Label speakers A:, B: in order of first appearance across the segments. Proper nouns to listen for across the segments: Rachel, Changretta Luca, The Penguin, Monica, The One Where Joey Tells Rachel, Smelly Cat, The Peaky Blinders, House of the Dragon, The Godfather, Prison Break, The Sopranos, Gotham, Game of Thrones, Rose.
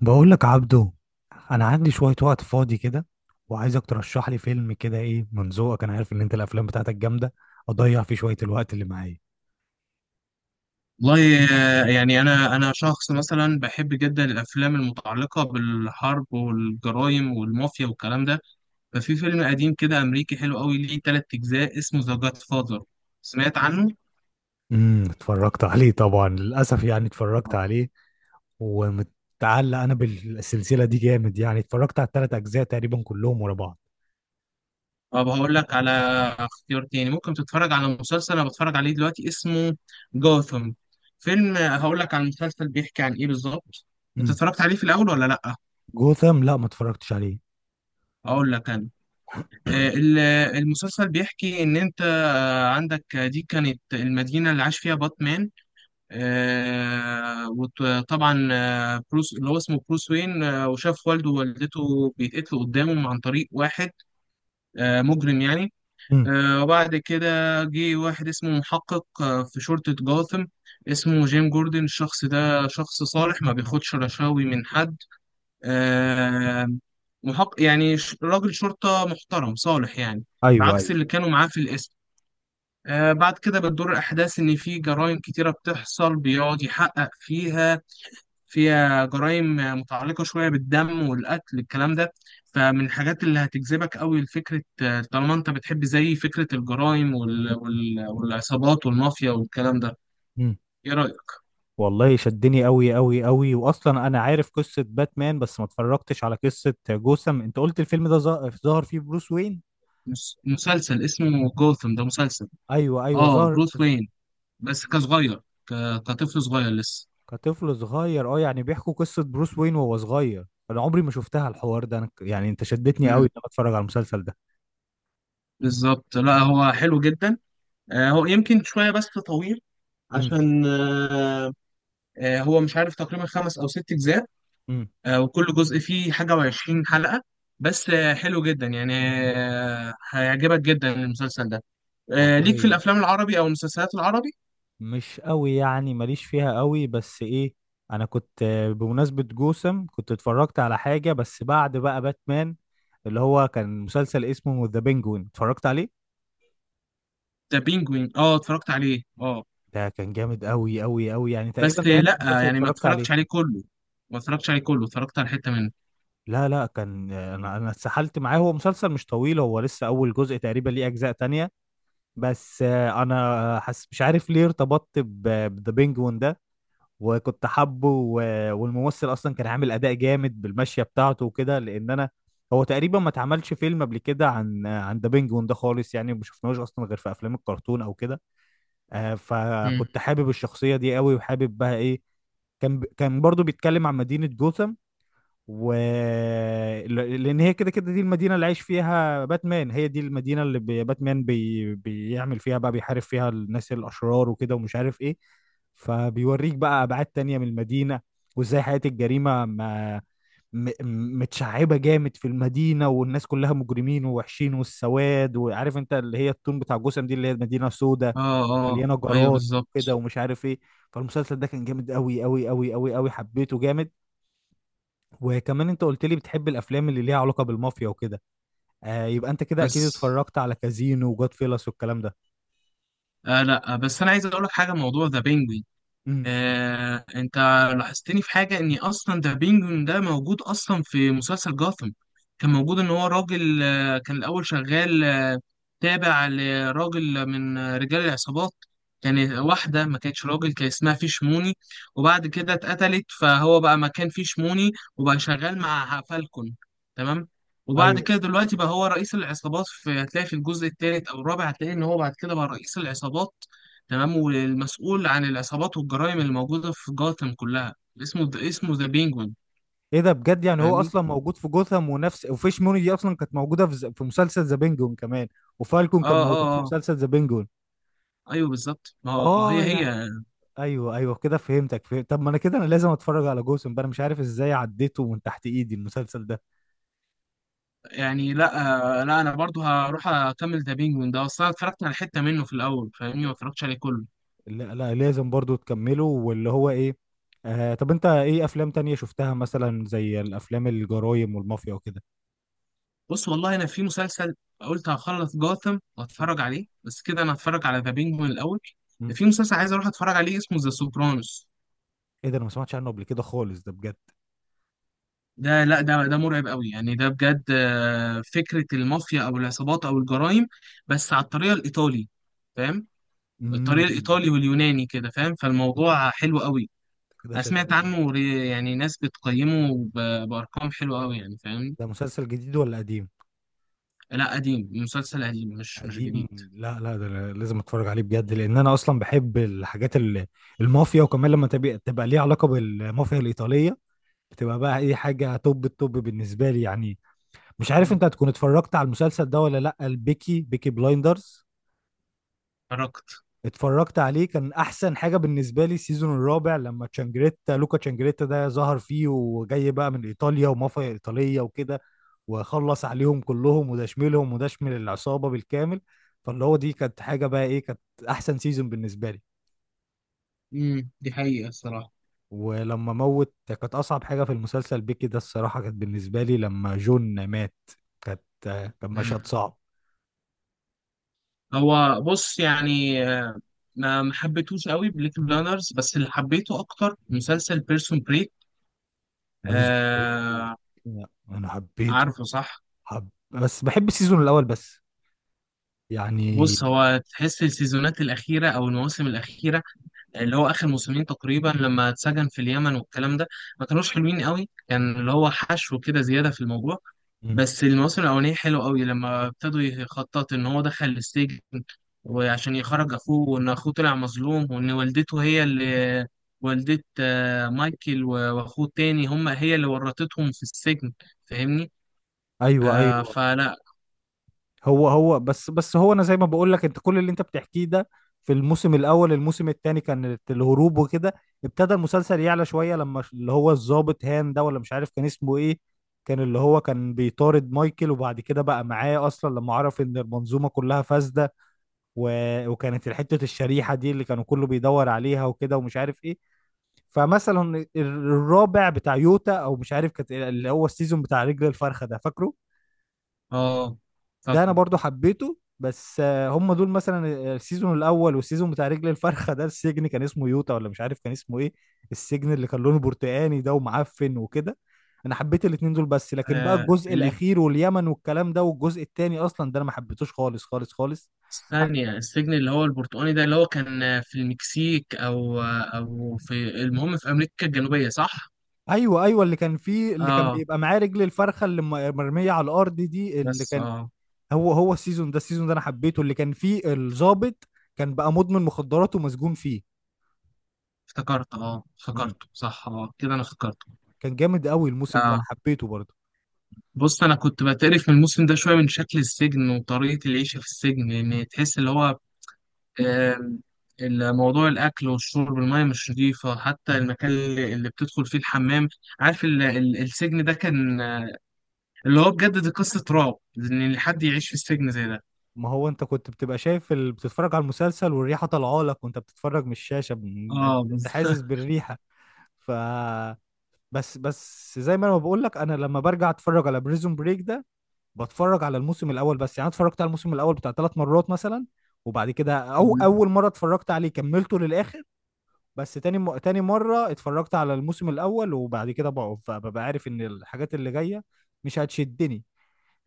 A: بقول لك عبدو، انا عندي شويه وقت فاضي كده وعايزك ترشح لي فيلم كده، ايه من ذوقك. انا عارف ان انت الافلام بتاعتك جامده. اضيع فيه شويه الوقت اللي معايا.
B: والله. يعني انا شخص مثلا بحب جدا الافلام المتعلقه بالحرب والجرائم والمافيا والكلام ده. ففي فيلم قديم كده امريكي حلو قوي ليه ثلاث اجزاء اسمه ذا جاد فاذر. سمعت عنه؟
A: اتفرجت عليه طبعا، للاسف يعني اتفرجت عليه ومتعلق انا بالسلسله دي جامد، يعني اتفرجت على الثلاث اجزاء تقريبا كلهم ورا بعض.
B: طب هقول لك على اختيار تاني. ممكن تتفرج على مسلسل انا بتفرج عليه دلوقتي اسمه جوثم. فيلم هقول لك على المسلسل بيحكي عن ايه بالظبط. انت
A: امم
B: اتفرجت عليه في الاول ولا لا؟
A: جوثام لا، ما اتفرجتش عليه.
B: هقول لك انا. آه، ال- المسلسل بيحكي إن أنت عندك دي كانت المدينة اللي عاش فيها باتمان. آه، وطبعا بروس اللي هو اسمه بروس وين، وشاف والده ووالدته بيتقتلوا قدامه عن طريق واحد مجرم يعني.
A: امم.
B: وبعد كده جه واحد اسمه محقق في شرطة جاثم، اسمه جيم جوردن. الشخص ده شخص صالح، ما بياخدش رشاوي من حد. آه، محق يعني، راجل شرطة محترم صالح يعني، عكس
A: ايوه،
B: اللي كانوا معاه في القسم. آه، بعد كده بتدور الأحداث إن في جرائم كتيرة بتحصل بيقعد يحقق فيها. فيها جرائم متعلقة شوية بالدم والقتل الكلام ده. فمن الحاجات اللي هتجذبك قوي لفكرة، طالما أنت بتحب زي فكرة الجرائم وال... وال... والعصابات والمافيا والكلام ده.
A: ايوه.
B: إيه رأيك؟
A: والله شدني قوي قوي قوي، واصلا انا عارف قصه باتمان بس ما اتفرجتش على قصه جوثام. انت قلت الفيلم ده ظهر فيه بروس وين؟
B: مسلسل اسمه جوثم، ده مسلسل.
A: ايوه، ايوه
B: آه،
A: ظهر
B: بروث وين بس كصغير، ك... كطفل صغير لسه.
A: كطفل صغير. اه، يعني بيحكوا قصه بروس وين وهو صغير. انا عمري ما شفتها الحوار ده. يعني انت شدتني قوي
B: امم،
A: ان انا اتفرج على المسلسل ده.
B: بالظبط. لا هو حلو جدا. هو يمكن شويه بس طويل
A: امم.
B: عشان هو مش عارف، تقريبا خمس او ست اجزاء.
A: امم.
B: وكل جزء فيه حاجه وعشرين حلقه، بس حلو جدا يعني. هيعجبك جدا المسلسل ده. ليك في
A: والله
B: الافلام العربي او المسلسلات العربي؟
A: مش قوي يعني، ماليش فيها قوي، بس ايه، انا كنت بمناسبه جوثام كنت اتفرجت على حاجه بس بعد بقى باتمان، اللي هو كان مسلسل اسمه ذا بينجوين اتفرجت عليه.
B: ده بينجوين، اه اتفرجت عليه اه.
A: ده كان جامد قوي قوي قوي، يعني تقريبا
B: بس
A: ده اخر
B: لا،
A: مسلسل
B: يعني ما
A: اتفرجت عليه.
B: اتفرجتش عليه كله. اتفرجت على حته منه.
A: لا لا كان، انا اتسحلت معاه. هو مسلسل مش طويل، هو لسه اول جزء، تقريبا ليه اجزاء تانية. بس انا حس مش عارف ليه ارتبطت بذا بينجوين ده، وكنت حابه، والممثل اصلا كان عامل اداء جامد بالمشية بتاعته وكده، لان انا هو تقريبا ما اتعملش فيلم قبل كده عن ذا بينجوين ده خالص، يعني ما شفناهوش اصلا غير في افلام الكرتون او كده.
B: مم.
A: فكنت حابب الشخصية دي قوي، وحابب بقى ايه، كان برضو بيتكلم عن مدينة جوثام. و لأن هي كده كده دي المدينة اللي عايش فيها باتمان، هي دي المدينة اللي باتمان بيعمل فيها بقى، بيحارب فيها الناس الأشرار وكده ومش عارف ايه. فبيوريك بقى أبعاد تانية من المدينة، وازاي حياة الجريمة ما... متشعبة جامد في المدينة، والناس كلها مجرمين ووحشين والسواد، وعارف انت اللي هي التون بتاع جوثام دي اللي هي مدينة سودة
B: اه اه،
A: مليانه
B: ايوه
A: جرايم كده
B: بالظبط.
A: ومش عارف ايه. فالمسلسل ده كان جامد قوي قوي قوي قوي قوي، حبيته جامد. وكمان انت قلت لي بتحب الافلام اللي ليها علاقه بالمافيا وكده، آه يبقى انت كده اكيد
B: بس
A: اتفرجت على كازينو وجود فيلس والكلام ده.
B: آه، لا. آه، بس انا عايز اقول لك حاجه، موضوع ذا بينجوين.
A: امم.
B: انت لاحظتني في حاجة، ان اصلا ذا بينجوين ده موجود اصلا في مسلسل جاثم. كان موجود، ان هو راجل كان الاول شغال تابع لراجل من رجال العصابات. كان واحدة ما كانتش راجل، كان اسمها فيشموني، وبعد كده اتقتلت فهو بقى مكان فيشموني، وبقى شغال مع فالكون. تمام. وبعد
A: ايوه.
B: كده دلوقتي بقى هو رئيس العصابات. في هتلاقي في الجزء الثالث او الرابع هتلاقي ان هو بعد كده بقى رئيس العصابات. تمام. والمسؤول عن العصابات والجرائم اللي موجودة في جاثم كلها، اسمه ذا بينجوين.
A: ايه ده بجد؟ يعني هو
B: فاهمني.
A: اصلا موجود في جوثام، ونفس وفيش موني دي اصلا كانت موجوده في في مسلسل ذا بينجون كمان، وفالكون
B: اه
A: كان موجود
B: اه
A: في
B: اه،
A: مسلسل ذا بينجون.
B: ايوه بالظبط. ما هو، آه،
A: اه.
B: هي هي
A: يعني ايوه، ايوه كده فهمتك، فهمت. طب ما انا كده انا لازم اتفرج على جوثام بقى، انا مش عارف ازاي عديته من تحت ايدي المسلسل ده.
B: يعني لا، لا انا برضو هروح اكمل ذا بينجوين ده، اصلا اتفرجت على حتة منه في الاول، فاهمني، ما اتفرجتش عليه كله.
A: لا لا لازم برضو تكمله واللي هو ايه. آه طب انت ايه افلام تانية شفتها مثلا زي الافلام الجرايم والمافيا وكده؟
B: بص والله انا في مسلسل، قلت هخلص جاثم واتفرج عليه، بس كده انا هتفرج على ذا بينجوين الاول.
A: مم.
B: في مسلسل عايز اروح اتفرج عليه اسمه ذا سوبرانوس.
A: ايه ده؟ انا ما سمعتش عنه قبل كده خالص ده بجد.
B: ده لا ده ده مرعب قوي يعني، ده بجد فكرة المافيا او العصابات او الجرائم، بس على الطريقة الايطالي، فاهم؟ الطريقة
A: امم.
B: الايطالي واليوناني كده، فاهم؟ فالموضوع حلو قوي.
A: كده
B: انا سمعت
A: شدتني.
B: عنه، يعني ناس بتقيمه بارقام حلوة قوي يعني، فاهم؟
A: ده مسلسل جديد ولا قديم؟
B: لا قديم، مسلسل قديم، مش
A: قديم.
B: جديد.
A: لا لا ده أنا لازم اتفرج عليه بجد، لان انا اصلا بحب الحاجات المافيا، وكمان لما تبقى ليها علاقة بالمافيا الايطالية، بتبقى بقى اي حاجة توب التوب بالنسبة لي يعني. مش عارف
B: مم.
A: انت هتكون اتفرجت على المسلسل ده ولا لا، البيكي بلايندرز.
B: اتفرجت.
A: اتفرجت عليه، كان احسن حاجه بالنسبه لي السيزون الرابع لما تشانجريتا، لوكا تشانجريتا ده ظهر فيه وجاي بقى من ايطاليا ومافيا ايطاليه وكده، وخلص عليهم كلهم، وده شملهم وده شمل العصابه بالكامل. فاللي هو دي كانت حاجه بقى، ايه كانت احسن سيزون بالنسبه لي.
B: امم، دي حقيقة الصراحة.
A: ولما موت كانت اصعب حاجه في المسلسل بيكي ده، الصراحه كانت بالنسبه لي لما جون مات، كانت كان مشهد
B: امم.
A: صعب.
B: هو بص يعني، آه، ما حبيتهوش قوي بليك بلانرز، بس اللي حبيته اكتر مسلسل بيرسون
A: بريزون بريك
B: بريك.
A: انا حبيته،
B: عارفه صح؟
A: حب بس بحب السيزون الاول بس، يعني.
B: بص هو تحس السيزونات الأخيرة أو المواسم الأخيرة، اللي هو آخر موسمين تقريبا لما اتسجن في اليمن والكلام ده، ما كانوش حلوين قوي، كان اللي هو حشو كده زيادة في الموضوع.
A: مم.
B: بس المواسم الأولانية حلوة قوي، لما ابتدوا يخطط إن هو دخل السجن وعشان يخرج أخوه، وإن أخوه طلع مظلوم، وإن والدته هي اللي، والدة مايكل و- وأخوه التاني، هم هي اللي ورطتهم في السجن. فاهمني؟
A: ايوه،
B: آه
A: ايوه.
B: فلا.
A: هو بس هو انا زي ما بقول لك، انت كل اللي انت بتحكيه ده في الموسم الاول. الموسم الثاني كان الهروب وكده. ابتدى المسلسل يعلى شويه لما اللي هو الضابط هان ده، ولا مش عارف كان اسمه ايه، كان اللي هو كان بيطارد مايكل، وبعد كده بقى معاه اصلا لما عرف ان المنظومه كلها فاسده، و... وكانت حته الشريحه دي اللي كانوا كله بيدور عليها وكده ومش عارف ايه. فمثلا الرابع بتاع يوتا او مش عارف، كانت اللي هو السيزون بتاع رجل الفرخه ده، فاكره.
B: اه
A: ده انا
B: فاكره.
A: برضو حبيته، بس هم دول مثلا السيزون الاول والسيزون بتاع رجل الفرخه ده، السجن كان اسمه يوتا ولا مش عارف كان اسمه ايه، السجن اللي كان لونه برتقاني ده ومعفن وكده. انا حبيت الاتنين دول، بس لكن بقى
B: آه،
A: الجزء
B: اللي
A: الاخير واليمن والكلام ده والجزء التاني اصلا ده انا ما حبيتوش خالص خالص خالص. حت-
B: ثانية السجن اللي هو البرتقاني ده، اللي هو كان في المكسيك أو في، المهم في أمريكا الجنوبية صح؟
A: ايوه، ايوه اللي كان فيه، اللي كان
B: آه
A: بيبقى معاه رجل الفرخه اللي مرميه على الارض دي اللي
B: بس
A: كان،
B: آه،
A: هو السيزون ده، السيزون ده انا حبيته، اللي كان فيه الضابط كان بقى مدمن مخدرات ومسجون فيه.
B: افتكرت آه،
A: مم.
B: افتكرته صح آه، كده أنا افتكرته.
A: كان جامد قوي الموسم ده، انا
B: آه
A: حبيته برضه.
B: بص أنا كنت بتقرف من الموسم ده شوية، من شكل السجن وطريقة العيشة في السجن، لأن تحس اللي هو، آم، الموضوع الأكل والشرب، المية مش نظيفة، حتى المكان اللي بتدخل فيه الحمام. عارف السجن ده كان اللي هو بجد دي قصة رعب إن حد يعيش في السجن زي ده.
A: ما هو انت كنت بتبقى شايف بتتفرج على المسلسل والريحه طالعه لك وانت بتتفرج من الشاشه انت
B: اه بالظبط.
A: حاسس بالريحه. ف بس زي ما انا بقول لك، انا لما برجع اتفرج على بريزون بريك ده، بتفرج على الموسم الاول بس يعني. أنا اتفرجت على الموسم الاول بتاع ثلاث مرات مثلا، وبعد كده، او اول مره اتفرجت عليه كملته للاخر، بس تاني تاني مره اتفرجت على الموسم الاول، وبعد كده ببقى عارف ان الحاجات اللي جايه مش هتشدني.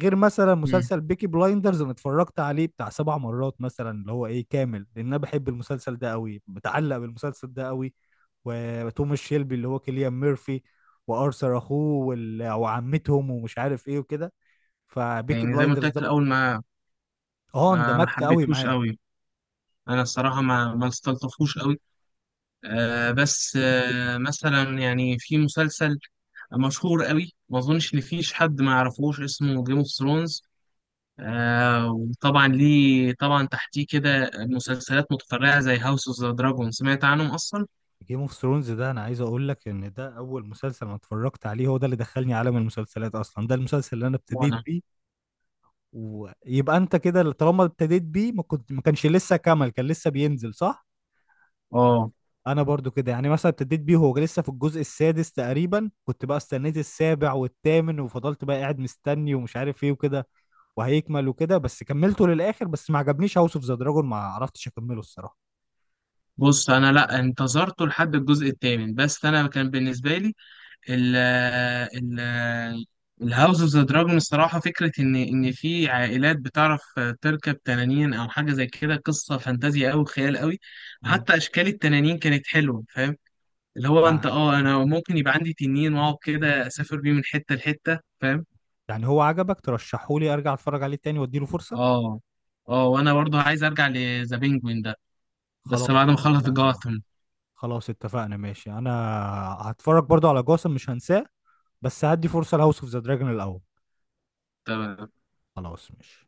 A: غير مثلا
B: مم.
A: مسلسل بيكي بلايندرز انا اتفرجت عليه بتاع سبع مرات مثلا، اللي هو ايه كامل، لان انا بحب المسلسل ده قوي، متعلق بالمسلسل ده قوي. وتوماس شيلبي اللي هو كيليان ميرفي، وارثر اخوه وعمتهم ومش عارف ايه وكده. فبيكي
B: يعني زي ما قلت
A: بلايندرز
B: لك
A: ده
B: في
A: من...
B: الاول، ما
A: اه
B: ما ما
A: اندمجت قوي
B: حبيتهوش
A: معاه.
B: قوي، انا الصراحه ما استلطفوش قوي. آه بس آه، مثلا يعني في مسلسل مشهور قوي، ما اظنش ان فيش حد ما يعرفوش، اسمه جيم اوف ثرونز. آه وطبعا ليه طبعا تحتيه كده مسلسلات متفرعه زي هاوس اوف ذا دراجون، سمعت عنهم اصلا؟
A: جيم اوف ثرونز ده انا عايز اقول لك ان ده اول مسلسل انا اتفرجت عليه، هو ده اللي دخلني عالم المسلسلات اصلا، ده المسلسل اللي انا ابتديت
B: وانا
A: بيه. ويبقى انت كده طالما ابتديت بيه، ما كنت ما كانش لسه كمل، كان لسه بينزل، صح؟
B: اه.
A: انا برضو كده يعني، مثلا ابتديت بيه هو لسه في الجزء السادس تقريبا، كنت بقى استنيت السابع والثامن، وفضلت بقى قاعد مستني ومش عارف ايه وكده، وهيكمل وكده، بس كملته للاخر، بس ما عجبنيش هاوس اوف ذا دراجون، ما عرفتش اكمله الصراحه.
B: بص انا لا انتظرته لحد الجزء الثامن، بس انا كان بالنسبه لي ال ال الهاوس اوف ذا دراجون، الصراحة فكرة إن في عائلات بتعرف تركب تنانين أو حاجة زي كده، قصة فانتازيا أوي، خيال أوي.
A: مم.
B: وحتى أشكال التنانين كانت حلوة، فاهم؟ اللي هو أنت
A: يعني
B: أه أنا ممكن يبقى عندي تنين وأقعد كده أسافر بيه من حتة لحتة، فاهم؟
A: يعني هو عجبك ترشحه لي، ارجع اتفرج عليه تاني واديله فرصة.
B: أه أه، وأنا برضه عايز أرجع لذا بينجوين ده،
A: خلاص
B: بس بعد ما أخلص
A: اتفقنا.
B: جاثم.
A: خلاص اتفقنا ماشي. انا هتفرج برضو على جاسم مش هنساه، بس هدي فرصة لهاوس اوف ذا دراجون الاول. خلاص ماشي.